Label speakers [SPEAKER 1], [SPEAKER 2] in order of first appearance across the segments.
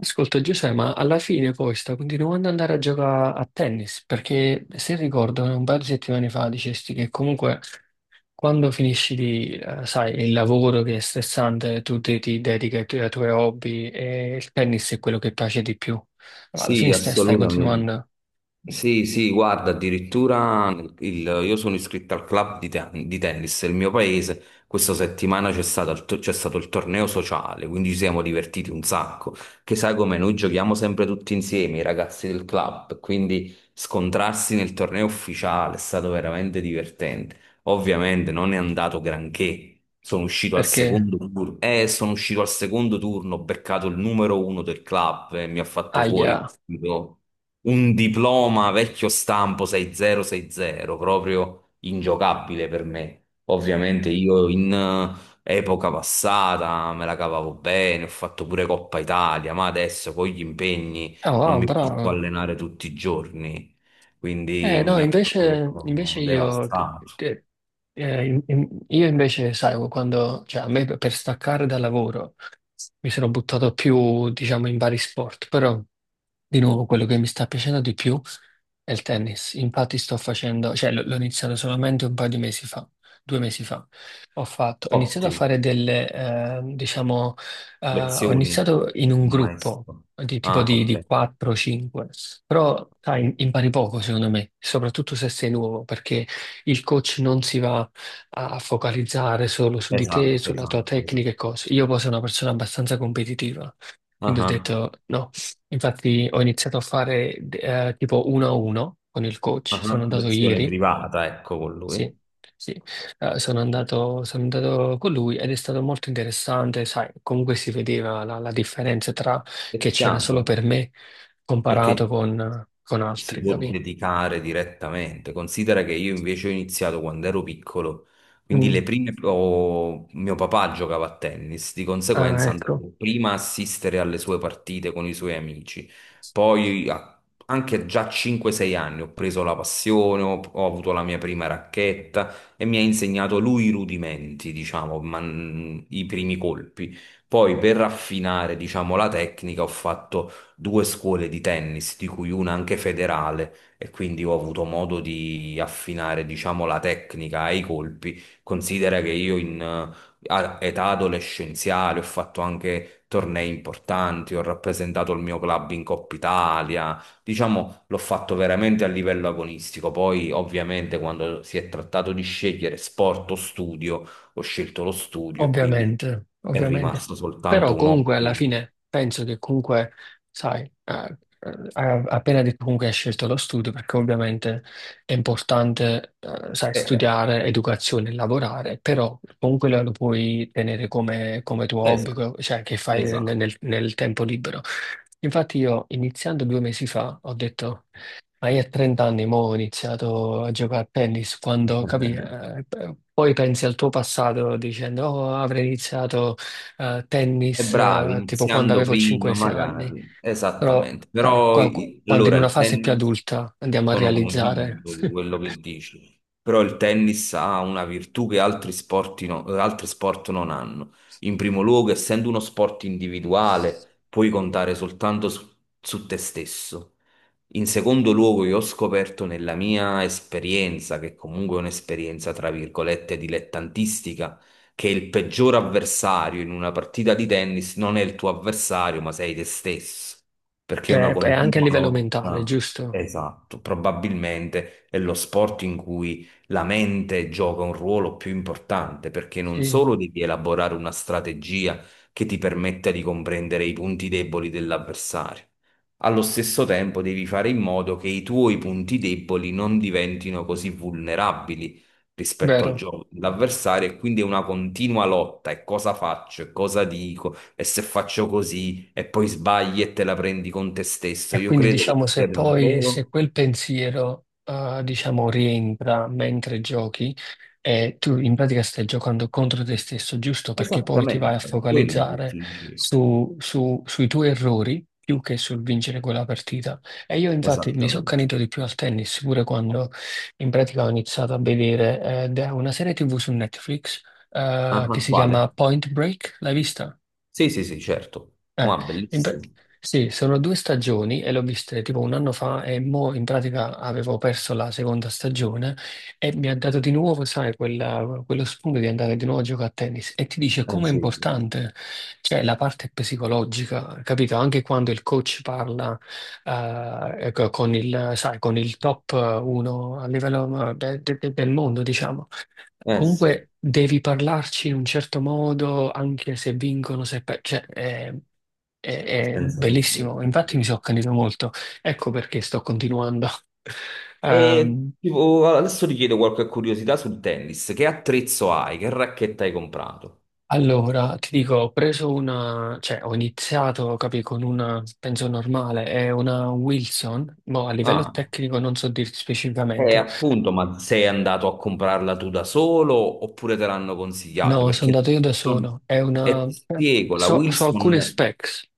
[SPEAKER 1] Ascolta Giuseppe, ma alla fine poi sta continuando ad andare a giocare a tennis, perché se ricordo un paio di settimane fa dicesti che comunque quando finisci di, sai, il lavoro che è stressante, tu ti dedichi ai tuoi hobby e il tennis è quello che piace di più. Ma alla
[SPEAKER 2] Sì,
[SPEAKER 1] fine stai
[SPEAKER 2] assolutamente.
[SPEAKER 1] continuando
[SPEAKER 2] Sì, sì, guarda, addirittura il- io sono iscritto al club di tennis del mio paese. Questa settimana c'è stato il torneo sociale, quindi ci siamo divertiti un sacco. Che sai come noi giochiamo sempre tutti insieme, i ragazzi del club, quindi scontrarsi nel torneo ufficiale è stato veramente divertente. Ovviamente non è andato granché. Sono uscito al
[SPEAKER 1] perché,
[SPEAKER 2] secondo turno, eh, sono uscito al secondo turno, ho beccato il numero uno del club e mi ha fatto fuori
[SPEAKER 1] aia,
[SPEAKER 2] un diploma vecchio stampo 6060, proprio ingiocabile per me. Ovviamente io in epoca passata me la cavavo bene, ho fatto pure Coppa Italia, ma adesso con gli impegni
[SPEAKER 1] oh
[SPEAKER 2] non
[SPEAKER 1] wow,
[SPEAKER 2] mi posso
[SPEAKER 1] bravo.
[SPEAKER 2] allenare tutti i giorni, quindi
[SPEAKER 1] Eh no,
[SPEAKER 2] mi ha proprio
[SPEAKER 1] invece io,
[SPEAKER 2] devastato.
[SPEAKER 1] io invece, sai, quando, cioè a me per staccare dal lavoro. Mi sono buttato più, diciamo, in vari sport, però di nuovo quello che mi sta piacendo di più. È il tennis, infatti sto facendo, cioè l'ho iniziato solamente un paio di mesi fa, due mesi fa. Ho iniziato a
[SPEAKER 2] Ottimo,
[SPEAKER 1] fare delle, diciamo, ho
[SPEAKER 2] lezioni,
[SPEAKER 1] iniziato in un
[SPEAKER 2] un
[SPEAKER 1] gruppo
[SPEAKER 2] maestro.
[SPEAKER 1] di tipo
[SPEAKER 2] Ah,
[SPEAKER 1] di
[SPEAKER 2] ok.
[SPEAKER 1] 4-5, però sai, impari poco secondo me, soprattutto se sei nuovo, perché il coach non si va a focalizzare solo su di te,
[SPEAKER 2] Esatto,
[SPEAKER 1] sulla tua
[SPEAKER 2] esatto, esatto.
[SPEAKER 1] tecnica e cose. Io poi sono una persona abbastanza competitiva,
[SPEAKER 2] Ah,
[SPEAKER 1] quindi ho
[SPEAKER 2] ah,
[SPEAKER 1] detto no. Infatti ho iniziato a fare tipo uno a uno con il coach,
[SPEAKER 2] ah,
[SPEAKER 1] sono
[SPEAKER 2] ah,
[SPEAKER 1] andato
[SPEAKER 2] lezione
[SPEAKER 1] ieri,
[SPEAKER 2] privata, ecco, con
[SPEAKER 1] sì,
[SPEAKER 2] lui.
[SPEAKER 1] sì. Sono andato con lui ed è stato molto interessante, sai, comunque si vedeva la differenza tra
[SPEAKER 2] È
[SPEAKER 1] che c'era solo
[SPEAKER 2] chiaro,
[SPEAKER 1] per me
[SPEAKER 2] perché
[SPEAKER 1] comparato con
[SPEAKER 2] si
[SPEAKER 1] altri,
[SPEAKER 2] può
[SPEAKER 1] capi?
[SPEAKER 2] dedicare direttamente. Considera che io invece ho iniziato quando ero piccolo, quindi
[SPEAKER 1] Mm.
[SPEAKER 2] mio papà giocava a tennis, di
[SPEAKER 1] Ah,
[SPEAKER 2] conseguenza
[SPEAKER 1] ecco.
[SPEAKER 2] andavo prima a assistere alle sue partite con i suoi amici, poi a- anche già a 5-6 anni ho preso la passione, ho avuto la mia prima racchetta e mi ha insegnato lui i rudimenti, diciamo, ma, i primi colpi. Poi per raffinare, diciamo, la tecnica ho fatto due scuole di tennis, di cui una anche federale, e quindi ho avuto modo di affinare, diciamo, la tecnica e i colpi. Considera che io in età adolescenziale ho fatto anche tornei importanti, ho rappresentato il mio club in Coppa Italia, diciamo, l'ho fatto veramente a livello agonistico. Poi, ovviamente, quando si è trattato di scegliere sport o studio, ho scelto lo studio e quindi
[SPEAKER 1] Ovviamente,
[SPEAKER 2] è
[SPEAKER 1] ovviamente.
[SPEAKER 2] rimasto soltanto
[SPEAKER 1] Però
[SPEAKER 2] un
[SPEAKER 1] comunque alla
[SPEAKER 2] hobby.
[SPEAKER 1] fine penso che comunque, sai, hai appena detto comunque hai scelto lo studio perché ovviamente è importante, sai,
[SPEAKER 2] Eh,
[SPEAKER 1] studiare, educazione, e lavorare, però comunque lo puoi tenere come, come tuo hobby,
[SPEAKER 2] Esatto,
[SPEAKER 1] cioè che fai nel
[SPEAKER 2] esatto.
[SPEAKER 1] nel tempo libero. Infatti io iniziando due mesi fa ho detto... Ma io a 30 anni mo ho iniziato a giocare a tennis, quando capì, poi pensi al tuo passato dicendo oh, avrei iniziato
[SPEAKER 2] E
[SPEAKER 1] tennis
[SPEAKER 2] bravi,
[SPEAKER 1] tipo quando
[SPEAKER 2] iniziando
[SPEAKER 1] avevo
[SPEAKER 2] prima
[SPEAKER 1] 5-6 anni,
[SPEAKER 2] magari,
[SPEAKER 1] però
[SPEAKER 2] esattamente.
[SPEAKER 1] sai,
[SPEAKER 2] Però
[SPEAKER 1] quando in
[SPEAKER 2] allora
[SPEAKER 1] una
[SPEAKER 2] il
[SPEAKER 1] fase più
[SPEAKER 2] tennis,
[SPEAKER 1] adulta andiamo a
[SPEAKER 2] sono
[SPEAKER 1] realizzare,
[SPEAKER 2] convinto di quello che dici, però il tennis ha una virtù che altri sport, altri sport non hanno. In primo luogo, essendo uno sport individuale, puoi contare soltanto su, su te stesso. In secondo luogo, io ho scoperto nella mia esperienza, che comunque è un'esperienza tra virgolette dilettantistica, che il peggior avversario in una partita di tennis non è il tuo avversario, ma sei te stesso, perché
[SPEAKER 1] è,
[SPEAKER 2] è una
[SPEAKER 1] è anche a
[SPEAKER 2] continua
[SPEAKER 1] livello mentale,
[SPEAKER 2] lotta.
[SPEAKER 1] giusto?
[SPEAKER 2] Esatto, probabilmente è lo sport in cui la mente gioca un ruolo più importante, perché non
[SPEAKER 1] Sì,
[SPEAKER 2] solo devi elaborare una strategia che ti permetta di comprendere i punti deboli dell'avversario, allo stesso tempo devi fare in modo che i tuoi punti deboli non diventino così vulnerabili rispetto al
[SPEAKER 1] vero.
[SPEAKER 2] gioco dell'avversario e quindi è una continua lotta e cosa faccio e cosa dico e se faccio così e poi sbagli e te la prendi con te stesso.
[SPEAKER 1] E
[SPEAKER 2] Io
[SPEAKER 1] quindi
[SPEAKER 2] credo che
[SPEAKER 1] diciamo
[SPEAKER 2] sia
[SPEAKER 1] se poi se
[SPEAKER 2] davvero
[SPEAKER 1] quel pensiero diciamo rientra mentre giochi e tu in pratica stai giocando contro te stesso, giusto? Perché poi ti vai a
[SPEAKER 2] esattamente quello che
[SPEAKER 1] focalizzare
[SPEAKER 2] ti dicevo.
[SPEAKER 1] sui tuoi errori più che sul vincere quella partita. E io infatti mi sono
[SPEAKER 2] Esattamente.
[SPEAKER 1] accanito di più al tennis, pure quando in pratica ho iniziato a vedere da una serie TV su Netflix
[SPEAKER 2] Ah,
[SPEAKER 1] che
[SPEAKER 2] ah,
[SPEAKER 1] si
[SPEAKER 2] quale?
[SPEAKER 1] chiama Point Break, l'hai vista?
[SPEAKER 2] Sì, sì, sì, certo.
[SPEAKER 1] Eh,
[SPEAKER 2] Wow,
[SPEAKER 1] in pra-
[SPEAKER 2] bellissimo.
[SPEAKER 1] sì, sono due stagioni e l'ho viste tipo un anno fa e mo in pratica avevo perso la seconda stagione e mi ha dato di nuovo, sai, quello spunto di andare di nuovo a giocare a tennis e ti dice
[SPEAKER 2] Eh
[SPEAKER 1] com'è
[SPEAKER 2] sì,
[SPEAKER 1] importante, cioè la parte psicologica, capito? Anche quando il coach parla ecco, sai, con il top 1 a livello del mondo, diciamo.
[SPEAKER 2] eh sì,
[SPEAKER 1] Comunque devi parlarci in un certo modo, anche se vincono, se per... cioè, è, è
[SPEAKER 2] senza dubbio.
[SPEAKER 1] bellissimo,
[SPEAKER 2] Senza
[SPEAKER 1] infatti mi
[SPEAKER 2] dubbio.
[SPEAKER 1] sono accanito molto. Ecco perché sto continuando.
[SPEAKER 2] E
[SPEAKER 1] Ehm,
[SPEAKER 2] tipo, adesso ti chiedo qualche curiosità sul tennis. Che attrezzo hai? Che racchetta hai comprato?
[SPEAKER 1] allora, ti dico, ho preso una, cioè ho iniziato, capi, con una, penso normale, è una Wilson, ma a livello
[SPEAKER 2] Ah.
[SPEAKER 1] tecnico non so dirti specificamente.
[SPEAKER 2] Appunto, ma sei andato a comprarla tu da solo oppure te l'hanno consigliata?
[SPEAKER 1] No, sono
[SPEAKER 2] Perché
[SPEAKER 1] andato io da
[SPEAKER 2] Wilson-
[SPEAKER 1] solo, è
[SPEAKER 2] e
[SPEAKER 1] una,
[SPEAKER 2] ti spiego, la
[SPEAKER 1] so alcune
[SPEAKER 2] Wilson
[SPEAKER 1] specs.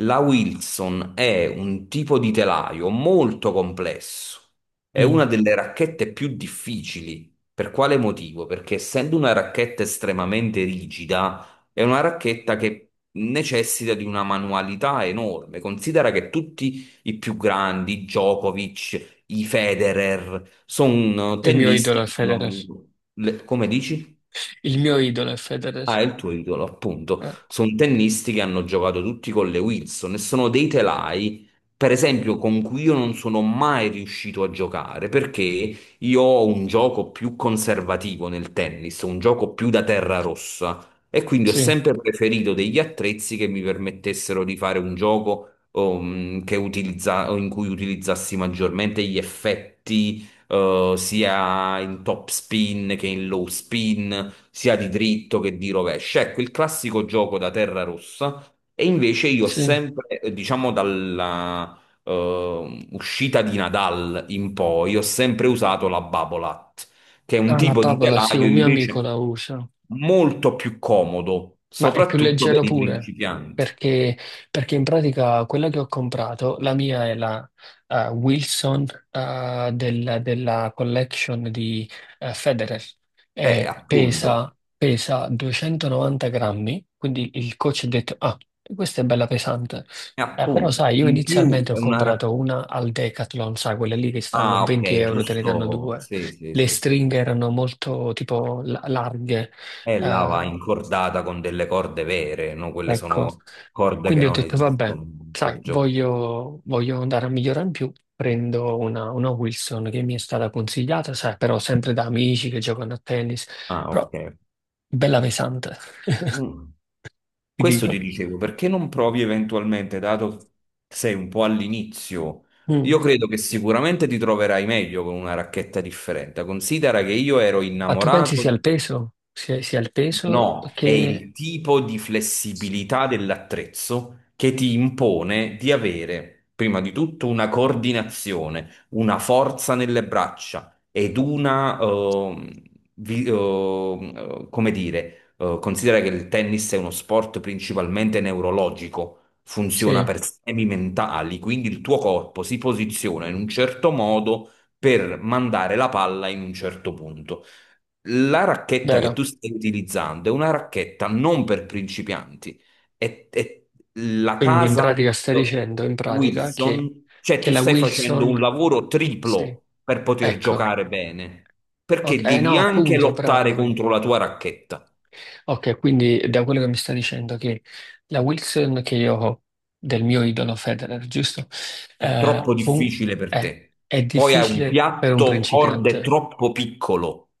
[SPEAKER 2] la Wilson è un tipo di telaio molto complesso. È
[SPEAKER 1] Mm.
[SPEAKER 2] una delle racchette più difficili. Per quale motivo? Perché essendo una racchetta estremamente rigida, è una racchetta che necessita di una manualità enorme. Considera che tutti i più grandi, Djokovic, i Federer, sono
[SPEAKER 1] Il mio idolo
[SPEAKER 2] tennisti
[SPEAKER 1] è
[SPEAKER 2] che
[SPEAKER 1] Federer.
[SPEAKER 2] come dici?
[SPEAKER 1] Il mio idolo è Federer.
[SPEAKER 2] Ah, è il tuo idolo, appunto.
[SPEAKER 1] Eh,
[SPEAKER 2] Sono tennisti che hanno giocato tutti con le Wilson e sono dei telai, per esempio, con cui io non sono mai riuscito a giocare perché io ho un gioco più conservativo nel tennis, un gioco più da terra rossa e quindi ho
[SPEAKER 1] sì,
[SPEAKER 2] sempre preferito degli attrezzi che mi permettessero di fare un gioco in cui utilizzassi maggiormente gli effetti, sia in top spin che in low spin sia di dritto che di rovescio. Ecco, il classico gioco da terra rossa. E invece io ho
[SPEAKER 1] sì.
[SPEAKER 2] sempre, diciamo, dalla uscita di Nadal in poi, ho sempre usato la Babolat, che è un
[SPEAKER 1] Ah, la
[SPEAKER 2] tipo di
[SPEAKER 1] Papola, sì,
[SPEAKER 2] telaio
[SPEAKER 1] un mio amico
[SPEAKER 2] invece
[SPEAKER 1] la usa.
[SPEAKER 2] molto più comodo,
[SPEAKER 1] Ma è più
[SPEAKER 2] soprattutto per
[SPEAKER 1] leggero
[SPEAKER 2] i
[SPEAKER 1] pure,
[SPEAKER 2] principianti.
[SPEAKER 1] perché, perché in pratica quella che ho comprato, la mia è la Wilson della collection di Federer, e
[SPEAKER 2] Appunto,
[SPEAKER 1] pesa 290 grammi, quindi il coach ha detto, ah, questa è bella pesante. Però
[SPEAKER 2] appunto.
[SPEAKER 1] sai, io
[SPEAKER 2] In più
[SPEAKER 1] inizialmente
[SPEAKER 2] è
[SPEAKER 1] ho
[SPEAKER 2] una.
[SPEAKER 1] comprato una al Decathlon, sai, quelle lì che stanno
[SPEAKER 2] Ah,
[SPEAKER 1] 20
[SPEAKER 2] ok,
[SPEAKER 1] euro, te ne danno
[SPEAKER 2] giusto.
[SPEAKER 1] due.
[SPEAKER 2] Sì, sì,
[SPEAKER 1] Le
[SPEAKER 2] sì, sì.
[SPEAKER 1] stringhe erano molto tipo larghe,
[SPEAKER 2] È là va
[SPEAKER 1] eh,
[SPEAKER 2] incordata con delle corde vere, no? Quelle
[SPEAKER 1] ecco.
[SPEAKER 2] sono corde che
[SPEAKER 1] Quindi ho
[SPEAKER 2] non
[SPEAKER 1] detto, vabbè,
[SPEAKER 2] esistono.
[SPEAKER 1] sai,
[SPEAKER 2] perciò-
[SPEAKER 1] voglio andare a migliorare in più. Prendo una Wilson che mi è stata consigliata, sai, però sempre da amici che giocano a tennis,
[SPEAKER 2] Ah,
[SPEAKER 1] però
[SPEAKER 2] ok.
[SPEAKER 1] bella pesante,
[SPEAKER 2] Mm.
[SPEAKER 1] ti
[SPEAKER 2] Questo
[SPEAKER 1] dico.
[SPEAKER 2] ti dicevo, perché non provi eventualmente, dato che sei un po' all'inizio?
[SPEAKER 1] Mm.
[SPEAKER 2] Io credo che sicuramente ti troverai meglio con una racchetta differente. Considera che io ero
[SPEAKER 1] Ma tu pensi
[SPEAKER 2] innamorato.
[SPEAKER 1] sia il peso? Sia il peso
[SPEAKER 2] No, è
[SPEAKER 1] che...
[SPEAKER 2] il tipo di flessibilità dell'attrezzo che ti impone di avere, prima di tutto, una coordinazione, una forza nelle braccia ed una, vi- ehm, come dire, considera che il tennis è uno sport principalmente neurologico, funziona
[SPEAKER 1] Sì,
[SPEAKER 2] per schemi mentali, quindi il tuo corpo si posiziona in un certo modo per mandare la palla in un certo punto. La racchetta che
[SPEAKER 1] vero.
[SPEAKER 2] tu stai utilizzando è una racchetta non per principianti, è la
[SPEAKER 1] Quindi in
[SPEAKER 2] casa
[SPEAKER 1] pratica stai
[SPEAKER 2] eh,
[SPEAKER 1] dicendo, in pratica, che,
[SPEAKER 2] Wilson, cioè
[SPEAKER 1] che
[SPEAKER 2] tu
[SPEAKER 1] la
[SPEAKER 2] stai facendo
[SPEAKER 1] Wilson...
[SPEAKER 2] un lavoro
[SPEAKER 1] Sì,
[SPEAKER 2] triplo per poter
[SPEAKER 1] ecco.
[SPEAKER 2] giocare bene, perché
[SPEAKER 1] Ok, eh
[SPEAKER 2] devi
[SPEAKER 1] no,
[SPEAKER 2] anche
[SPEAKER 1] appunto,
[SPEAKER 2] lottare
[SPEAKER 1] bravo.
[SPEAKER 2] contro la tua racchetta,
[SPEAKER 1] Ok, quindi da quello che mi sta dicendo che la Wilson che io ho del mio idolo Federer, giusto?
[SPEAKER 2] è
[SPEAKER 1] Eh,
[SPEAKER 2] troppo
[SPEAKER 1] fu-
[SPEAKER 2] difficile per
[SPEAKER 1] è,
[SPEAKER 2] te.
[SPEAKER 1] è
[SPEAKER 2] Poi hai un
[SPEAKER 1] difficile per un
[SPEAKER 2] piatto corde
[SPEAKER 1] principiante,
[SPEAKER 2] troppo piccolo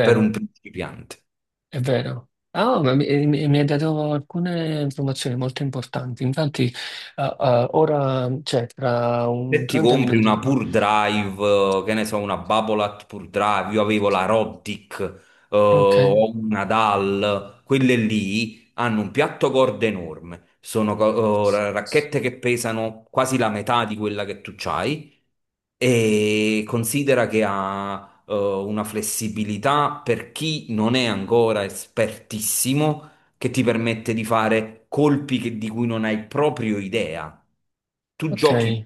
[SPEAKER 2] per un principiante.
[SPEAKER 1] È vero. Ah, ma mi hai dato alcune informazioni molto importanti. Infatti, ora, cioè, tra un
[SPEAKER 2] Se ti
[SPEAKER 1] 30
[SPEAKER 2] compri una
[SPEAKER 1] minuti.
[SPEAKER 2] Pure Drive, che ne so, una Babolat Pure Drive, io avevo la Roddick,
[SPEAKER 1] Ok,
[SPEAKER 2] o una DAL, quelle lì hanno un piatto corda enorme, sono racchette che pesano quasi la metà di quella che tu c'hai e considera che ha una flessibilità per chi non è ancora espertissimo che ti permette di fare colpi di cui non hai proprio idea. Tu
[SPEAKER 1] ok.
[SPEAKER 2] giochi,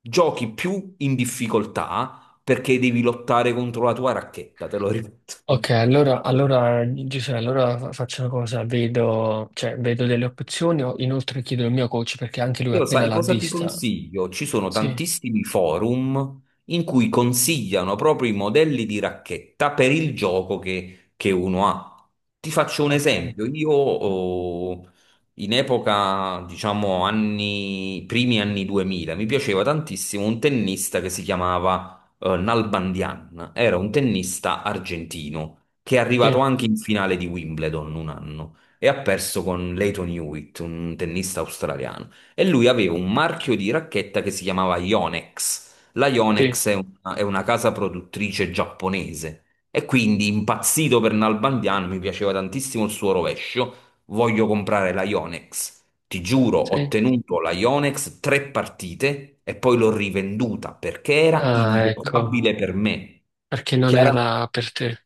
[SPEAKER 2] giochi più in difficoltà perché devi lottare contro la tua racchetta, te lo ripeto.
[SPEAKER 1] Ok, allora, Giuseppe, allora faccio una cosa, cioè, vedo delle opzioni, inoltre chiedo il mio coach perché anche lui
[SPEAKER 2] Io
[SPEAKER 1] appena
[SPEAKER 2] sai
[SPEAKER 1] l'ha
[SPEAKER 2] cosa ti
[SPEAKER 1] vista.
[SPEAKER 2] consiglio? Ci sono
[SPEAKER 1] Sì,
[SPEAKER 2] tantissimi forum in cui consigliano proprio i modelli di racchetta per il gioco che uno ha. Ti faccio un
[SPEAKER 1] ok,
[SPEAKER 2] esempio. Io in epoca, diciamo, anni, primi anni 2000, mi piaceva tantissimo un tennista che si chiamava Nalbandian. Era un tennista argentino che è arrivato
[SPEAKER 1] sì,
[SPEAKER 2] anche in finale di Wimbledon un anno e ha perso con Leighton Hewitt, un tennista australiano e lui aveva un marchio di racchetta che si chiamava Yonex. La
[SPEAKER 1] sì,
[SPEAKER 2] Yonex è una casa produttrice giapponese e quindi impazzito per Nalbandiano, mi piaceva tantissimo il suo rovescio, voglio comprare la Yonex. Ti giuro, ho
[SPEAKER 1] sì.
[SPEAKER 2] tenuto la Yonex tre partite e poi l'ho rivenduta perché era
[SPEAKER 1] Ah, ecco,
[SPEAKER 2] ingiocabile per me.
[SPEAKER 1] perché non
[SPEAKER 2] Chiaramente
[SPEAKER 1] era per te,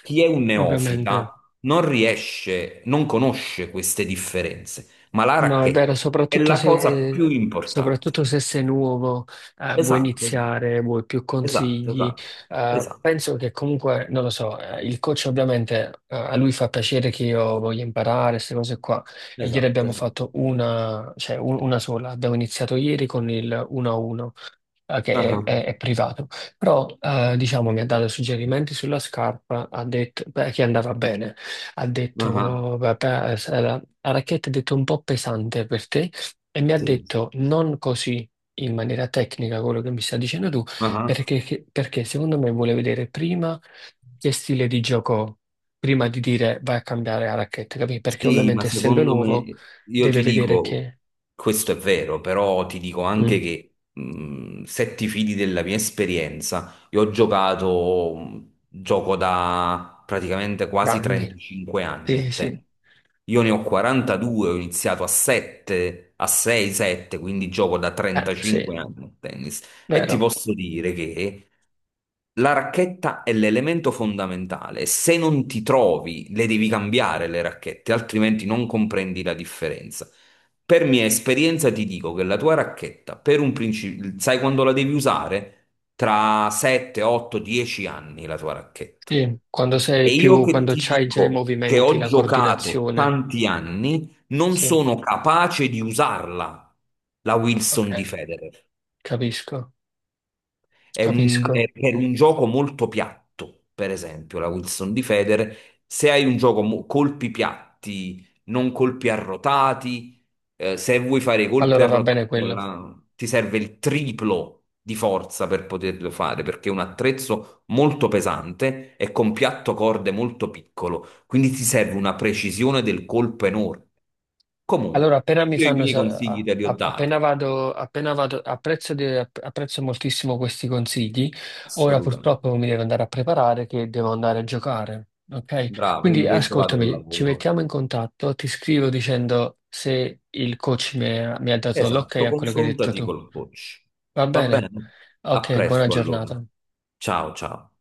[SPEAKER 2] chi è un
[SPEAKER 1] ovviamente.
[SPEAKER 2] neofita non riesce, non conosce queste differenze, ma la
[SPEAKER 1] No, è
[SPEAKER 2] racchetta
[SPEAKER 1] vero,
[SPEAKER 2] è
[SPEAKER 1] soprattutto
[SPEAKER 2] la cosa
[SPEAKER 1] se,
[SPEAKER 2] più importante.
[SPEAKER 1] soprattutto se sei nuovo, vuoi
[SPEAKER 2] Esatto, esatto,
[SPEAKER 1] iniziare, vuoi più
[SPEAKER 2] esatto,
[SPEAKER 1] consigli.
[SPEAKER 2] esatto, esatto,
[SPEAKER 1] Penso che comunque, non lo so, il coach ovviamente, a lui fa piacere che io voglia imparare queste cose qua. E ieri
[SPEAKER 2] esatto,
[SPEAKER 1] abbiamo
[SPEAKER 2] esatto.
[SPEAKER 1] fatto una, cioè una sola, abbiamo iniziato ieri con il 1-1 che è,
[SPEAKER 2] Ah,
[SPEAKER 1] è- è privato, però diciamo mi ha dato suggerimenti sulla scarpa, ha detto beh, che andava bene, ha
[SPEAKER 2] ah,
[SPEAKER 1] detto beh, se la racchetta è detto un po' pesante per te e mi ha
[SPEAKER 2] sì, sì.
[SPEAKER 1] detto non così in maniera tecnica quello che mi stai dicendo tu,
[SPEAKER 2] Ah,
[SPEAKER 1] perché secondo me vuole vedere prima che stile di gioco ho, prima di dire vai a cambiare la racchetta, capì? Perché
[SPEAKER 2] sì, ma
[SPEAKER 1] ovviamente essendo
[SPEAKER 2] secondo
[SPEAKER 1] nuovo
[SPEAKER 2] me, io
[SPEAKER 1] deve
[SPEAKER 2] ti
[SPEAKER 1] vedere
[SPEAKER 2] dico,
[SPEAKER 1] che...
[SPEAKER 2] questo è vero, però ti dico anche
[SPEAKER 1] Mm,
[SPEAKER 2] che se ti fidi della mia esperienza, io gioco da praticamente quasi
[SPEAKER 1] danni,
[SPEAKER 2] 35 anni a
[SPEAKER 1] sì, sì,
[SPEAKER 2] te. Io ne ho 42, ho iniziato a 7, a 6, 7, quindi gioco da
[SPEAKER 1] sì,
[SPEAKER 2] 35 anni a tennis e ti
[SPEAKER 1] vero.
[SPEAKER 2] posso dire che la racchetta è l'elemento fondamentale. Se non ti trovi, le devi cambiare le racchette, altrimenti non comprendi la differenza. Per mia esperienza ti dico che la tua racchetta, per un principio, sai quando la devi usare? Tra 7, 8, 10 anni la tua racchetta.
[SPEAKER 1] Sì, quando
[SPEAKER 2] E
[SPEAKER 1] sei
[SPEAKER 2] io
[SPEAKER 1] più,
[SPEAKER 2] che
[SPEAKER 1] quando
[SPEAKER 2] ti
[SPEAKER 1] c'hai già i
[SPEAKER 2] dico che
[SPEAKER 1] movimenti,
[SPEAKER 2] ho
[SPEAKER 1] la
[SPEAKER 2] giocato
[SPEAKER 1] coordinazione.
[SPEAKER 2] tanti ananni, non
[SPEAKER 1] Sì,
[SPEAKER 2] sono capace di usarla, la Wilson di
[SPEAKER 1] ok,
[SPEAKER 2] Federer.
[SPEAKER 1] capisco,
[SPEAKER 2] È un,
[SPEAKER 1] capisco.
[SPEAKER 2] è per un gioco molto piatto, per esempio, la Wilson di Federer. Se hai un gioco colpi piatti, non colpi arrotati, se vuoi fare i colpi
[SPEAKER 1] Allora va
[SPEAKER 2] arrotati,
[SPEAKER 1] bene quello.
[SPEAKER 2] ti serve il triplo di forza per poterlo fare, perché è un attrezzo molto pesante e con piatto corde molto piccolo, quindi ti serve una precisione del colpo enorme.
[SPEAKER 1] Allora,
[SPEAKER 2] Comunque,
[SPEAKER 1] appena mi
[SPEAKER 2] io i
[SPEAKER 1] fanno,
[SPEAKER 2] miei consigli te li ho dati,
[SPEAKER 1] appena vado, apprezzo, apprezzo moltissimo questi consigli. Ora
[SPEAKER 2] assolutamente.
[SPEAKER 1] purtroppo mi devo andare a preparare che devo andare a giocare. Ok?
[SPEAKER 2] Bravo, io
[SPEAKER 1] Quindi
[SPEAKER 2] invece vado al
[SPEAKER 1] ascoltami, ci
[SPEAKER 2] lavoro.
[SPEAKER 1] mettiamo in contatto, ti scrivo dicendo se il coach mi ha dato l'ok
[SPEAKER 2] Esatto,
[SPEAKER 1] a quello che hai detto
[SPEAKER 2] confrontati
[SPEAKER 1] tu.
[SPEAKER 2] col coach.
[SPEAKER 1] Va
[SPEAKER 2] Va
[SPEAKER 1] bene?
[SPEAKER 2] bene? A
[SPEAKER 1] Ok, buona
[SPEAKER 2] presto allora.
[SPEAKER 1] giornata.
[SPEAKER 2] Ciao ciao.